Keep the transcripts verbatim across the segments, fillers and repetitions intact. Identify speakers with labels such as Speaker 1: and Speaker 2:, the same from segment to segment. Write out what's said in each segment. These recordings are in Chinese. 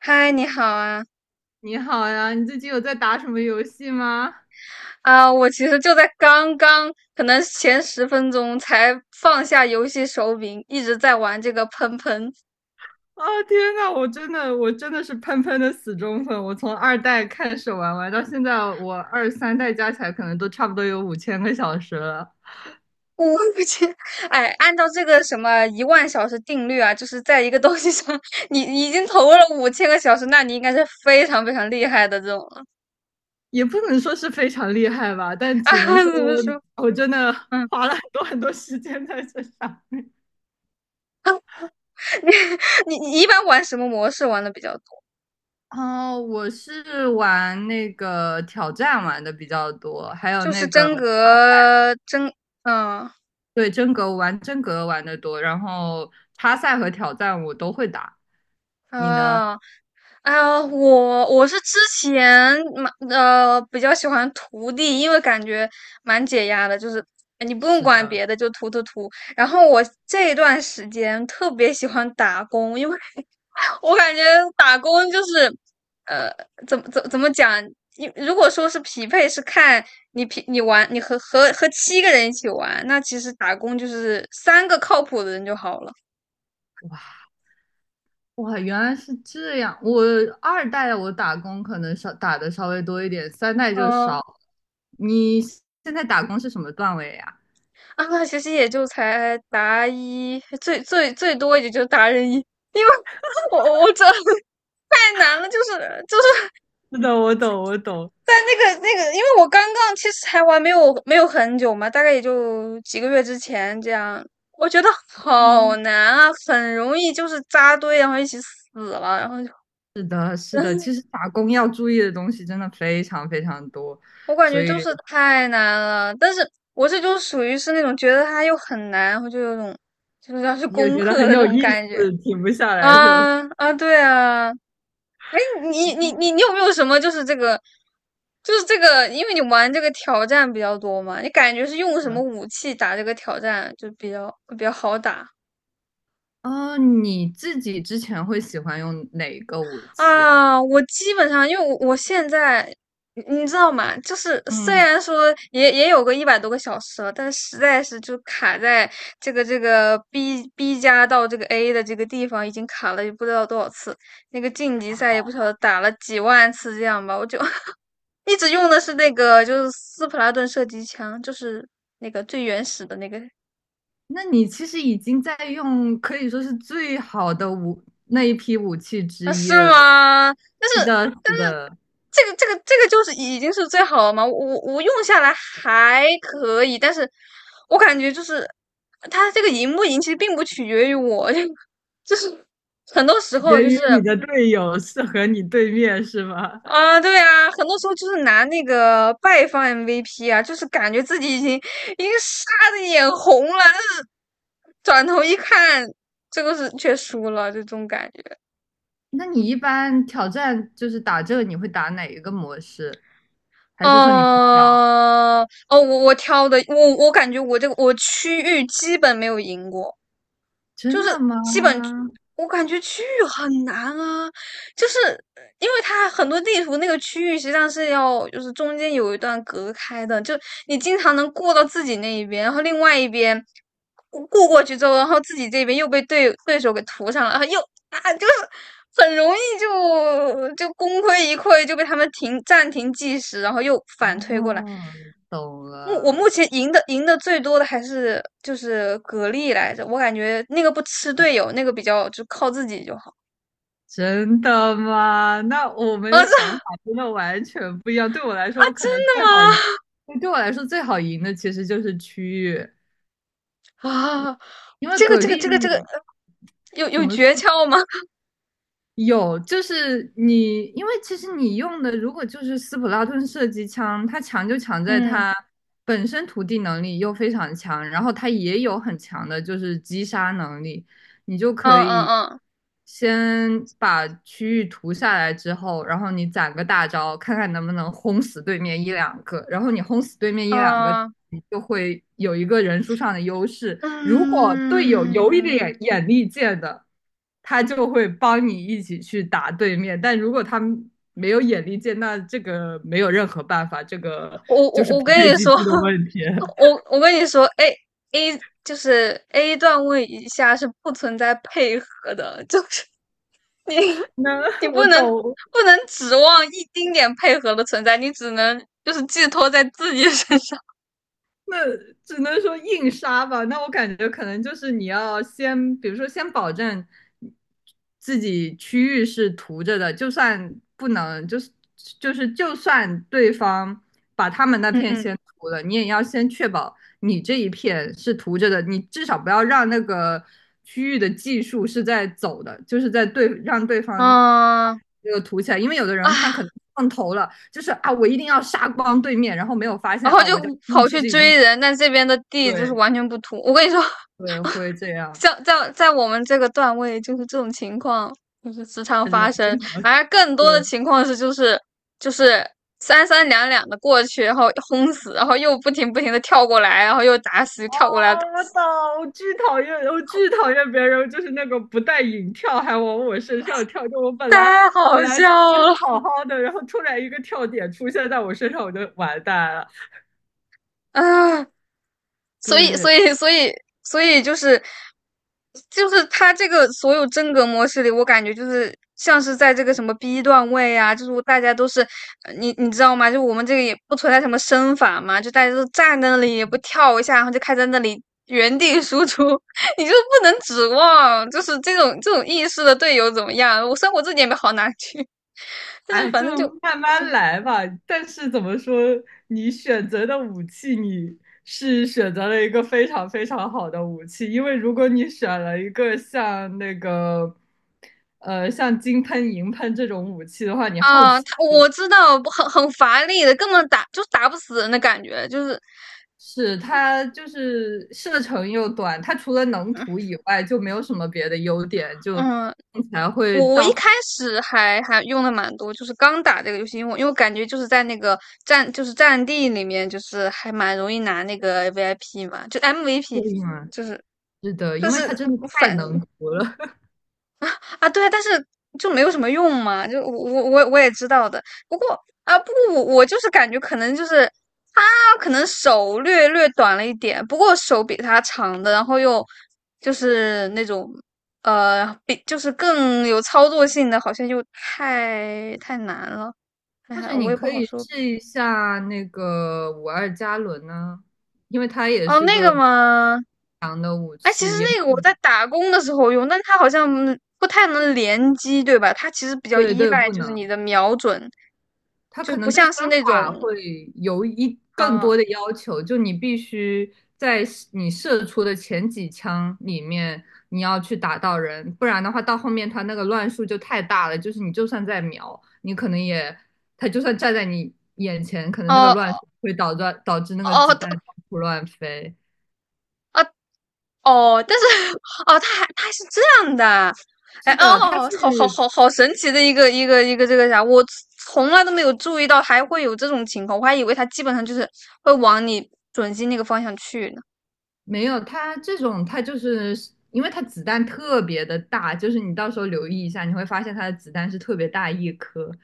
Speaker 1: 嗨，你好啊！
Speaker 2: 你好呀，你最近有在打什么游戏吗？
Speaker 1: 啊，我其实就在刚刚，可能前十分钟才放下游戏手柄，一直在玩这个喷喷。
Speaker 2: 啊，天呐，我真的，我真的是喷喷的死忠粉，我从二代开始玩玩到现在，我二三代加起来可能都差不多有五千个小时了。
Speaker 1: 我我去，哎，按照这个什么一万小时定律啊，就是在一个东西上，你已经投入了五千个小时，那你应该是非常非常厉害的这种了
Speaker 2: 也不能说是非常厉害吧，但
Speaker 1: 啊。
Speaker 2: 只能说
Speaker 1: 怎么说？
Speaker 2: 我我真的
Speaker 1: 嗯。
Speaker 2: 花了很多很多时间在这上。
Speaker 1: 你你你一般玩什么模式玩的比较多？
Speaker 2: 哦，我是玩那个挑战玩的比较多，还有
Speaker 1: 就是
Speaker 2: 那个
Speaker 1: 真格真，嗯啊。
Speaker 2: 对真格玩真格玩的多。然后插赛和挑战我都会打。你呢？
Speaker 1: 哦啊，我我是之前蛮呃比较喜欢涂地，因为感觉蛮解压的，就是你不用
Speaker 2: 是
Speaker 1: 管
Speaker 2: 的，
Speaker 1: 别的，就涂涂涂。然后我这一段时间特别喜欢打工，因为我感觉打工就是呃怎么怎么怎么讲，你如果说是匹配，是看你匹你玩你和和和七个人一起玩，那其实打工就是三个靠谱的人就好了。
Speaker 2: 哇，原来是这样。我二代我打工可能稍打的稍微多一点，三代就少
Speaker 1: 嗯。
Speaker 2: 了。你现在打工是什么段位呀？
Speaker 1: 啊，其实也就才达一，最最最多也就达人一，因为我我这 太难了，就是就是
Speaker 2: 是的，我懂，我懂。
Speaker 1: 在那个那个，因为我刚刚其实才玩没有没有很久嘛，大概也就几个月之前这样，我觉得好
Speaker 2: 哦，
Speaker 1: 难啊，很容易就是扎堆，然后一起死了，然后就
Speaker 2: 是的，是的，其实打工要注意的东西真的非常非常多。
Speaker 1: 我感
Speaker 2: 所
Speaker 1: 觉
Speaker 2: 以
Speaker 1: 就是太难了，但是我这就属于是那种觉得它又很难，然后就有种就是要去
Speaker 2: 又
Speaker 1: 攻
Speaker 2: 觉得
Speaker 1: 克
Speaker 2: 很
Speaker 1: 的那
Speaker 2: 有
Speaker 1: 种
Speaker 2: 意
Speaker 1: 感觉。
Speaker 2: 思，停不下来是吧？
Speaker 1: 啊啊，对啊，哎，你你你你 有没有什么就是这个，就是这个，因为你玩这个挑战比较多嘛，你感觉是用什么
Speaker 2: 嗯，
Speaker 1: 武器打这个挑战就比较比较好打？
Speaker 2: 哦你自己之前会喜欢用哪一个武器啊？
Speaker 1: 啊？我基本上因为我我现在你你知道吗？就是虽
Speaker 2: 嗯。
Speaker 1: 然说也也有个一百多个小时了，但实在是就卡在这个这个 B B 加到这个 A 的这个地方已经卡了也不知道多少次，那个晋级赛也不晓得打了几万次这样吧，我就 一直用的是那个，就是斯普拉顿射击枪，就是那个最原始的那个。
Speaker 2: 那你其实已经在用，可以说是最好的武那一批武器之
Speaker 1: 啊，
Speaker 2: 一
Speaker 1: 是
Speaker 2: 了。
Speaker 1: 吗？但
Speaker 2: 是
Speaker 1: 是
Speaker 2: 的，是的，
Speaker 1: 这个这个这个就是已经是最好了嘛，我我用下来还可以，但是我感觉就是它这个赢不赢，其实并不取决于我，就是很多时
Speaker 2: 取决
Speaker 1: 候就是。
Speaker 2: 于你的队友是和你对面是吗？
Speaker 1: 啊，对啊，很多时候就是拿那个败方 M V P 啊，就是感觉自己已经已经杀的眼红了，但是转头一看，这个是却输了，就这种感觉。
Speaker 2: 那你一般挑战就是打这个，你会打哪一个模式？还是说你不挑？
Speaker 1: 嗯。哦，我我挑的，我我感觉我这个我区域基本没有赢过。就
Speaker 2: 真的
Speaker 1: 是
Speaker 2: 吗？
Speaker 1: 基本我感觉区域很难啊，就是呃因为它很多地图那个区域实际上是要就是中间有一段隔开的，就你经常能过到自己那一边，然后另外一边过过过去之后，然后自己这边又被对对手给涂上了，然后又啊就是很容易就就功亏一篑，就被他们停暂停计时，然后又
Speaker 2: 哦，
Speaker 1: 反推过来。
Speaker 2: 懂
Speaker 1: 目我目
Speaker 2: 了。
Speaker 1: 前赢的赢的最多的还是就是蛤蜊来着，我感觉那个不吃队友，那个比较就靠自己就好。
Speaker 2: 真的吗？那我 们
Speaker 1: 啊，
Speaker 2: 的想
Speaker 1: 这。
Speaker 2: 法真的完全不一样。对我来
Speaker 1: 啊，
Speaker 2: 说，我
Speaker 1: 真
Speaker 2: 可能最好赢，
Speaker 1: 的
Speaker 2: 对我来说最好赢的其实就是区域。
Speaker 1: 吗？啊，
Speaker 2: 因为
Speaker 1: 这个
Speaker 2: 蛤
Speaker 1: 这个这个这个
Speaker 2: 蜊
Speaker 1: 有
Speaker 2: 怎
Speaker 1: 有
Speaker 2: 么说？
Speaker 1: 诀窍吗？
Speaker 2: 有，就是你，因为其实你用的如果就是斯普拉顿射击枪，它强就强在
Speaker 1: 嗯
Speaker 2: 它本身涂地能力又非常强，然后它也有很强的就是击杀能力。你就
Speaker 1: 嗯
Speaker 2: 可以
Speaker 1: 嗯
Speaker 2: 先把区域涂下来之后，然后你攒个大招，看看能不能轰死对面一两个。然后你轰死对面一两个，
Speaker 1: 嗯嗯
Speaker 2: 你就会有一个人数上的优势。如果队友有一
Speaker 1: 嗯，
Speaker 2: 点眼力见的，他就会帮你一起去打对面。但如果他们没有眼力见，那这个没有任何办法，这个
Speaker 1: 我我
Speaker 2: 就是匹
Speaker 1: 我跟
Speaker 2: 配
Speaker 1: 你
Speaker 2: 机
Speaker 1: 说，
Speaker 2: 制的问题。
Speaker 1: 我我跟你说，A A 就是 A 段位以下是不存在配合的，就是你
Speaker 2: 那
Speaker 1: 你
Speaker 2: 我
Speaker 1: 不能
Speaker 2: 懂，
Speaker 1: 不能指望一丁点配合的存在，你只能就是寄托在自己身上。
Speaker 2: 那只能说硬杀吧。那我感觉可能就是你要先，比如说先保证自己区域是涂着的，就算不能，就是就是就算对方把他们那
Speaker 1: 嗯
Speaker 2: 片
Speaker 1: 嗯，
Speaker 2: 先涂了，你也要先确保你这一片是涂着的，你至少不要让那个区域的技术是在走的，就是在对让对方。
Speaker 1: 嗯
Speaker 2: 这个涂起来，因为有的
Speaker 1: 啊，
Speaker 2: 人他可能上头了，就是啊，我一定要杀光对面，然后没有发
Speaker 1: 然
Speaker 2: 现
Speaker 1: 后
Speaker 2: 啊，
Speaker 1: 就
Speaker 2: 我家区域
Speaker 1: 跑
Speaker 2: 其
Speaker 1: 去
Speaker 2: 实已
Speaker 1: 追
Speaker 2: 经
Speaker 1: 人，但这边的地就是
Speaker 2: 对
Speaker 1: 完全不土。我跟你说，
Speaker 2: 对，会这样，
Speaker 1: 像在在我们这个段位，就是这种情况就是时常
Speaker 2: 他
Speaker 1: 发
Speaker 2: 就
Speaker 1: 生。
Speaker 2: 经常
Speaker 1: 而更多的
Speaker 2: 对。
Speaker 1: 情况是，就是就是三三两两的过去，然后轰死，然后又不停不停的跳过来，然后又打死，又
Speaker 2: 啊，
Speaker 1: 跳过来打
Speaker 2: 我
Speaker 1: 死。
Speaker 2: 懂，我巨讨厌，我巨讨厌别人就是那个不带引跳还往我身上跳，就我本
Speaker 1: 太
Speaker 2: 来
Speaker 1: 好
Speaker 2: 本来
Speaker 1: 笑
Speaker 2: 蹲的
Speaker 1: 了。
Speaker 2: 好好的，然后突然一个跳点出现在我身上，我就完蛋了。
Speaker 1: 啊！所以，
Speaker 2: 对。
Speaker 1: 所以，所以，所以就是就是他这个所有真格模式里，我感觉就是像是在这个什么 B 段位啊，就是大家都是呃你你知道吗？就我们这个也不存在什么身法嘛，就大家都站在那里也不跳一下，然后就开在那里原地输出，你就不能指望就是这种这种意识的队友怎么样？我生活自己也没好哪去，但是
Speaker 2: 哎，
Speaker 1: 反
Speaker 2: 就
Speaker 1: 正就。
Speaker 2: 慢慢来吧。但是怎么说，你选择的武器，你是选择了一个非常非常好的武器，因为如果你选了一个像那个，呃，像金喷、银喷这种武器的话，你后
Speaker 1: 啊，
Speaker 2: 期
Speaker 1: 他我知道，很很乏力的，根本打就打不死人的感觉，就是。
Speaker 2: 是它就是射程又短，它除了能
Speaker 1: 嗯，
Speaker 2: 涂以外就没有什么别的优点，就起
Speaker 1: 嗯，
Speaker 2: 来会
Speaker 1: 我我一
Speaker 2: 到后
Speaker 1: 开始还还用的蛮多，就是刚打这个游戏，因为我因为我感觉就是在那个战就是战地里面，就是还蛮容易拿那个 V I P 嘛，就 M V P,
Speaker 2: 面。
Speaker 1: 就是
Speaker 2: 是的，因
Speaker 1: 就
Speaker 2: 为它
Speaker 1: 是
Speaker 2: 真的太
Speaker 1: 反。
Speaker 2: 能涂了。
Speaker 1: 啊啊，对啊，但是就没有什么用嘛，就我我我我也知道的。不过啊，不过我我就是感觉可能就是他可能手略略短了一点，不过手比他长的，然后又就是那种呃比就是更有操作性的，好像又太太难了。哎
Speaker 2: 或者
Speaker 1: 呀，我
Speaker 2: 你
Speaker 1: 也不
Speaker 2: 可
Speaker 1: 好
Speaker 2: 以
Speaker 1: 说。
Speaker 2: 试一下那个五二加仑呢，因为它也
Speaker 1: 哦，
Speaker 2: 是
Speaker 1: 那
Speaker 2: 个
Speaker 1: 个吗？
Speaker 2: 武
Speaker 1: 哎，其
Speaker 2: 器，
Speaker 1: 实
Speaker 2: 也
Speaker 1: 那个我在打工的时候用，但它好像嗯不太能联机，对吧？它其实比较
Speaker 2: 对
Speaker 1: 依
Speaker 2: 对
Speaker 1: 赖
Speaker 2: 不
Speaker 1: 就是你
Speaker 2: 能，
Speaker 1: 的瞄准，
Speaker 2: 它
Speaker 1: 就
Speaker 2: 可
Speaker 1: 不
Speaker 2: 能对
Speaker 1: 像
Speaker 2: 身
Speaker 1: 是那种。
Speaker 2: 法会有一更多
Speaker 1: 啊
Speaker 2: 的要求，就你必须在你射出的前几枪里面，你要去打到人，不然的话到后面它那个乱数就太大了，就是你就算在瞄，你可能也，它就算站在你眼前，可能那个乱数
Speaker 1: 哦
Speaker 2: 会导致导致那个
Speaker 1: 哦
Speaker 2: 子弹
Speaker 1: 哦
Speaker 2: 到处乱飞。
Speaker 1: 啊哦，但是 哦，它还它还是这样的，哎
Speaker 2: 是的，它
Speaker 1: 哦，
Speaker 2: 是
Speaker 1: 好好好好神奇的一个一个一个这个啥，我从来都没有注意到还会有这种情况，我还以为它基本上就是会往你准心那个方向去呢。
Speaker 2: 没有，它这种它就是因为它子弹特别的大，就是你到时候留意一下，你会发现它的子弹是特别大一颗，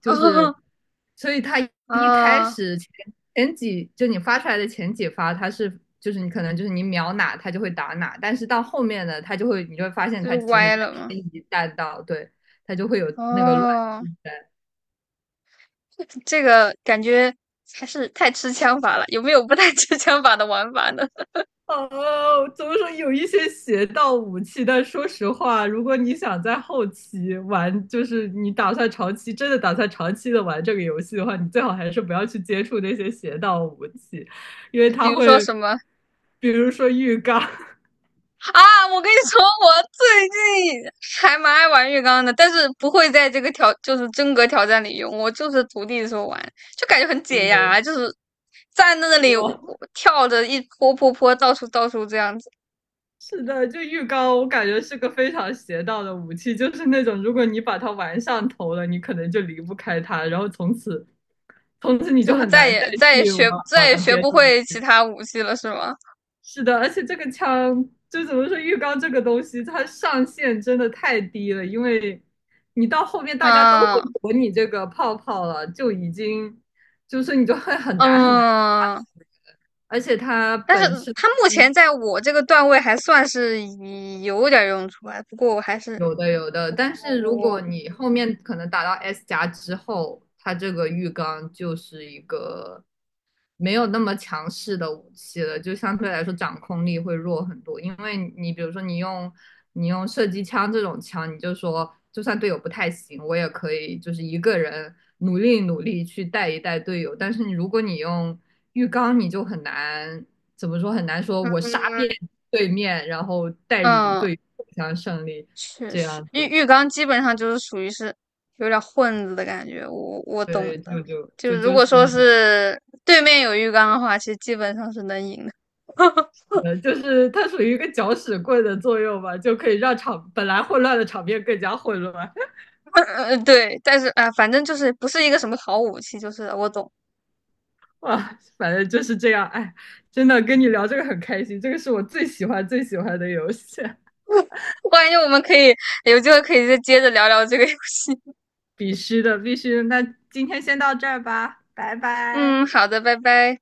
Speaker 2: 就是 所以它一开
Speaker 1: 啊
Speaker 2: 始前前几就你发出来的前几发，它是就是你可能就是你瞄哪它就会打哪，但是到后面呢，它就会你就会发现
Speaker 1: 就是
Speaker 2: 它其实
Speaker 1: 歪
Speaker 2: 在
Speaker 1: 了吗？
Speaker 2: 偏移弹道，对，它就会有那个乱。
Speaker 1: 哦，这个感觉还是太吃枪法了。有没有不太吃枪法的玩法呢？
Speaker 2: 哦，怎么说有一些邪道武器，但说实话，如果你想在后期玩，就是你打算长期真的打算长期的玩这个游戏的话，你最好还是不要去接触那些邪道武器，因为
Speaker 1: 比
Speaker 2: 它
Speaker 1: 如说
Speaker 2: 会，
Speaker 1: 什么？
Speaker 2: 比如说浴缸。
Speaker 1: 啊？我跟你说，我最近还蛮爱玩浴缸的，但是不会在这个挑就是真格挑战里用。我就是徒弟的时候玩，就感觉很解
Speaker 2: 对
Speaker 1: 压，就是站在那里我
Speaker 2: 哇，
Speaker 1: 我
Speaker 2: 我
Speaker 1: 跳着一坡坡坡到处到处这样子，
Speaker 2: 是的，就浴缸，我感觉是个非常邪道的武器，就是那种如果你把它玩上头了，你可能就离不开它，然后从此从此你就
Speaker 1: 就是
Speaker 2: 很
Speaker 1: 再
Speaker 2: 难再
Speaker 1: 也再也
Speaker 2: 去
Speaker 1: 学
Speaker 2: 玩
Speaker 1: 再也
Speaker 2: 玩
Speaker 1: 学
Speaker 2: 别
Speaker 1: 不
Speaker 2: 的武
Speaker 1: 会其
Speaker 2: 器。
Speaker 1: 他武器了，是吗？
Speaker 2: 是的，而且这个枪就怎么说，浴缸这个东西，它上限真的太低了，因为你到后面大家都会
Speaker 1: 啊，
Speaker 2: 躲你这个泡泡了，就已经就是你就会很难很难，
Speaker 1: 嗯。
Speaker 2: 而且它
Speaker 1: 但是
Speaker 2: 本身
Speaker 1: 他目前在我这个段位还算是有点用处吧。不过我还是
Speaker 2: 有的有的，但
Speaker 1: 我
Speaker 2: 是如果
Speaker 1: 我
Speaker 2: 你后面可能打到 S 加之后，它这个浴缸就是一个没有那么强势的武器了，就相对来说掌控力会弱很多。因为你比如说你用你用射击枪这种枪，你就说就算队友不太行，我也可以就是一个人努力努力去带一带队友。但是你如果你用浴缸，你就很难怎么说很难说我杀遍对面，然后带领
Speaker 1: 嗯，
Speaker 2: 队友走向胜利
Speaker 1: 确
Speaker 2: 这
Speaker 1: 实
Speaker 2: 样
Speaker 1: 浴
Speaker 2: 子。
Speaker 1: 浴缸基本上就是属于是有点混子的感觉。我我懂
Speaker 2: 对，
Speaker 1: 的，
Speaker 2: 就就
Speaker 1: 就
Speaker 2: 就
Speaker 1: 是如
Speaker 2: 就
Speaker 1: 果
Speaker 2: 是
Speaker 1: 说是对面有浴缸的话，其实基本上是能赢的。
Speaker 2: 呃，就是它属于一个搅屎棍的作用吧，就可以让场本来混乱的场面更加混乱。
Speaker 1: 呃，对，但是啊、反正就是不是一个什么好武器，就是我懂。
Speaker 2: 哇，反正就是这样。哎，真的跟你聊这个很开心，这个是我最喜欢最喜欢的游戏。
Speaker 1: 我感觉我们可以有机会可以再接着聊聊这个游戏。
Speaker 2: 必须的，必须的。那今天先到这儿吧，拜拜。
Speaker 1: 嗯，好的，拜拜。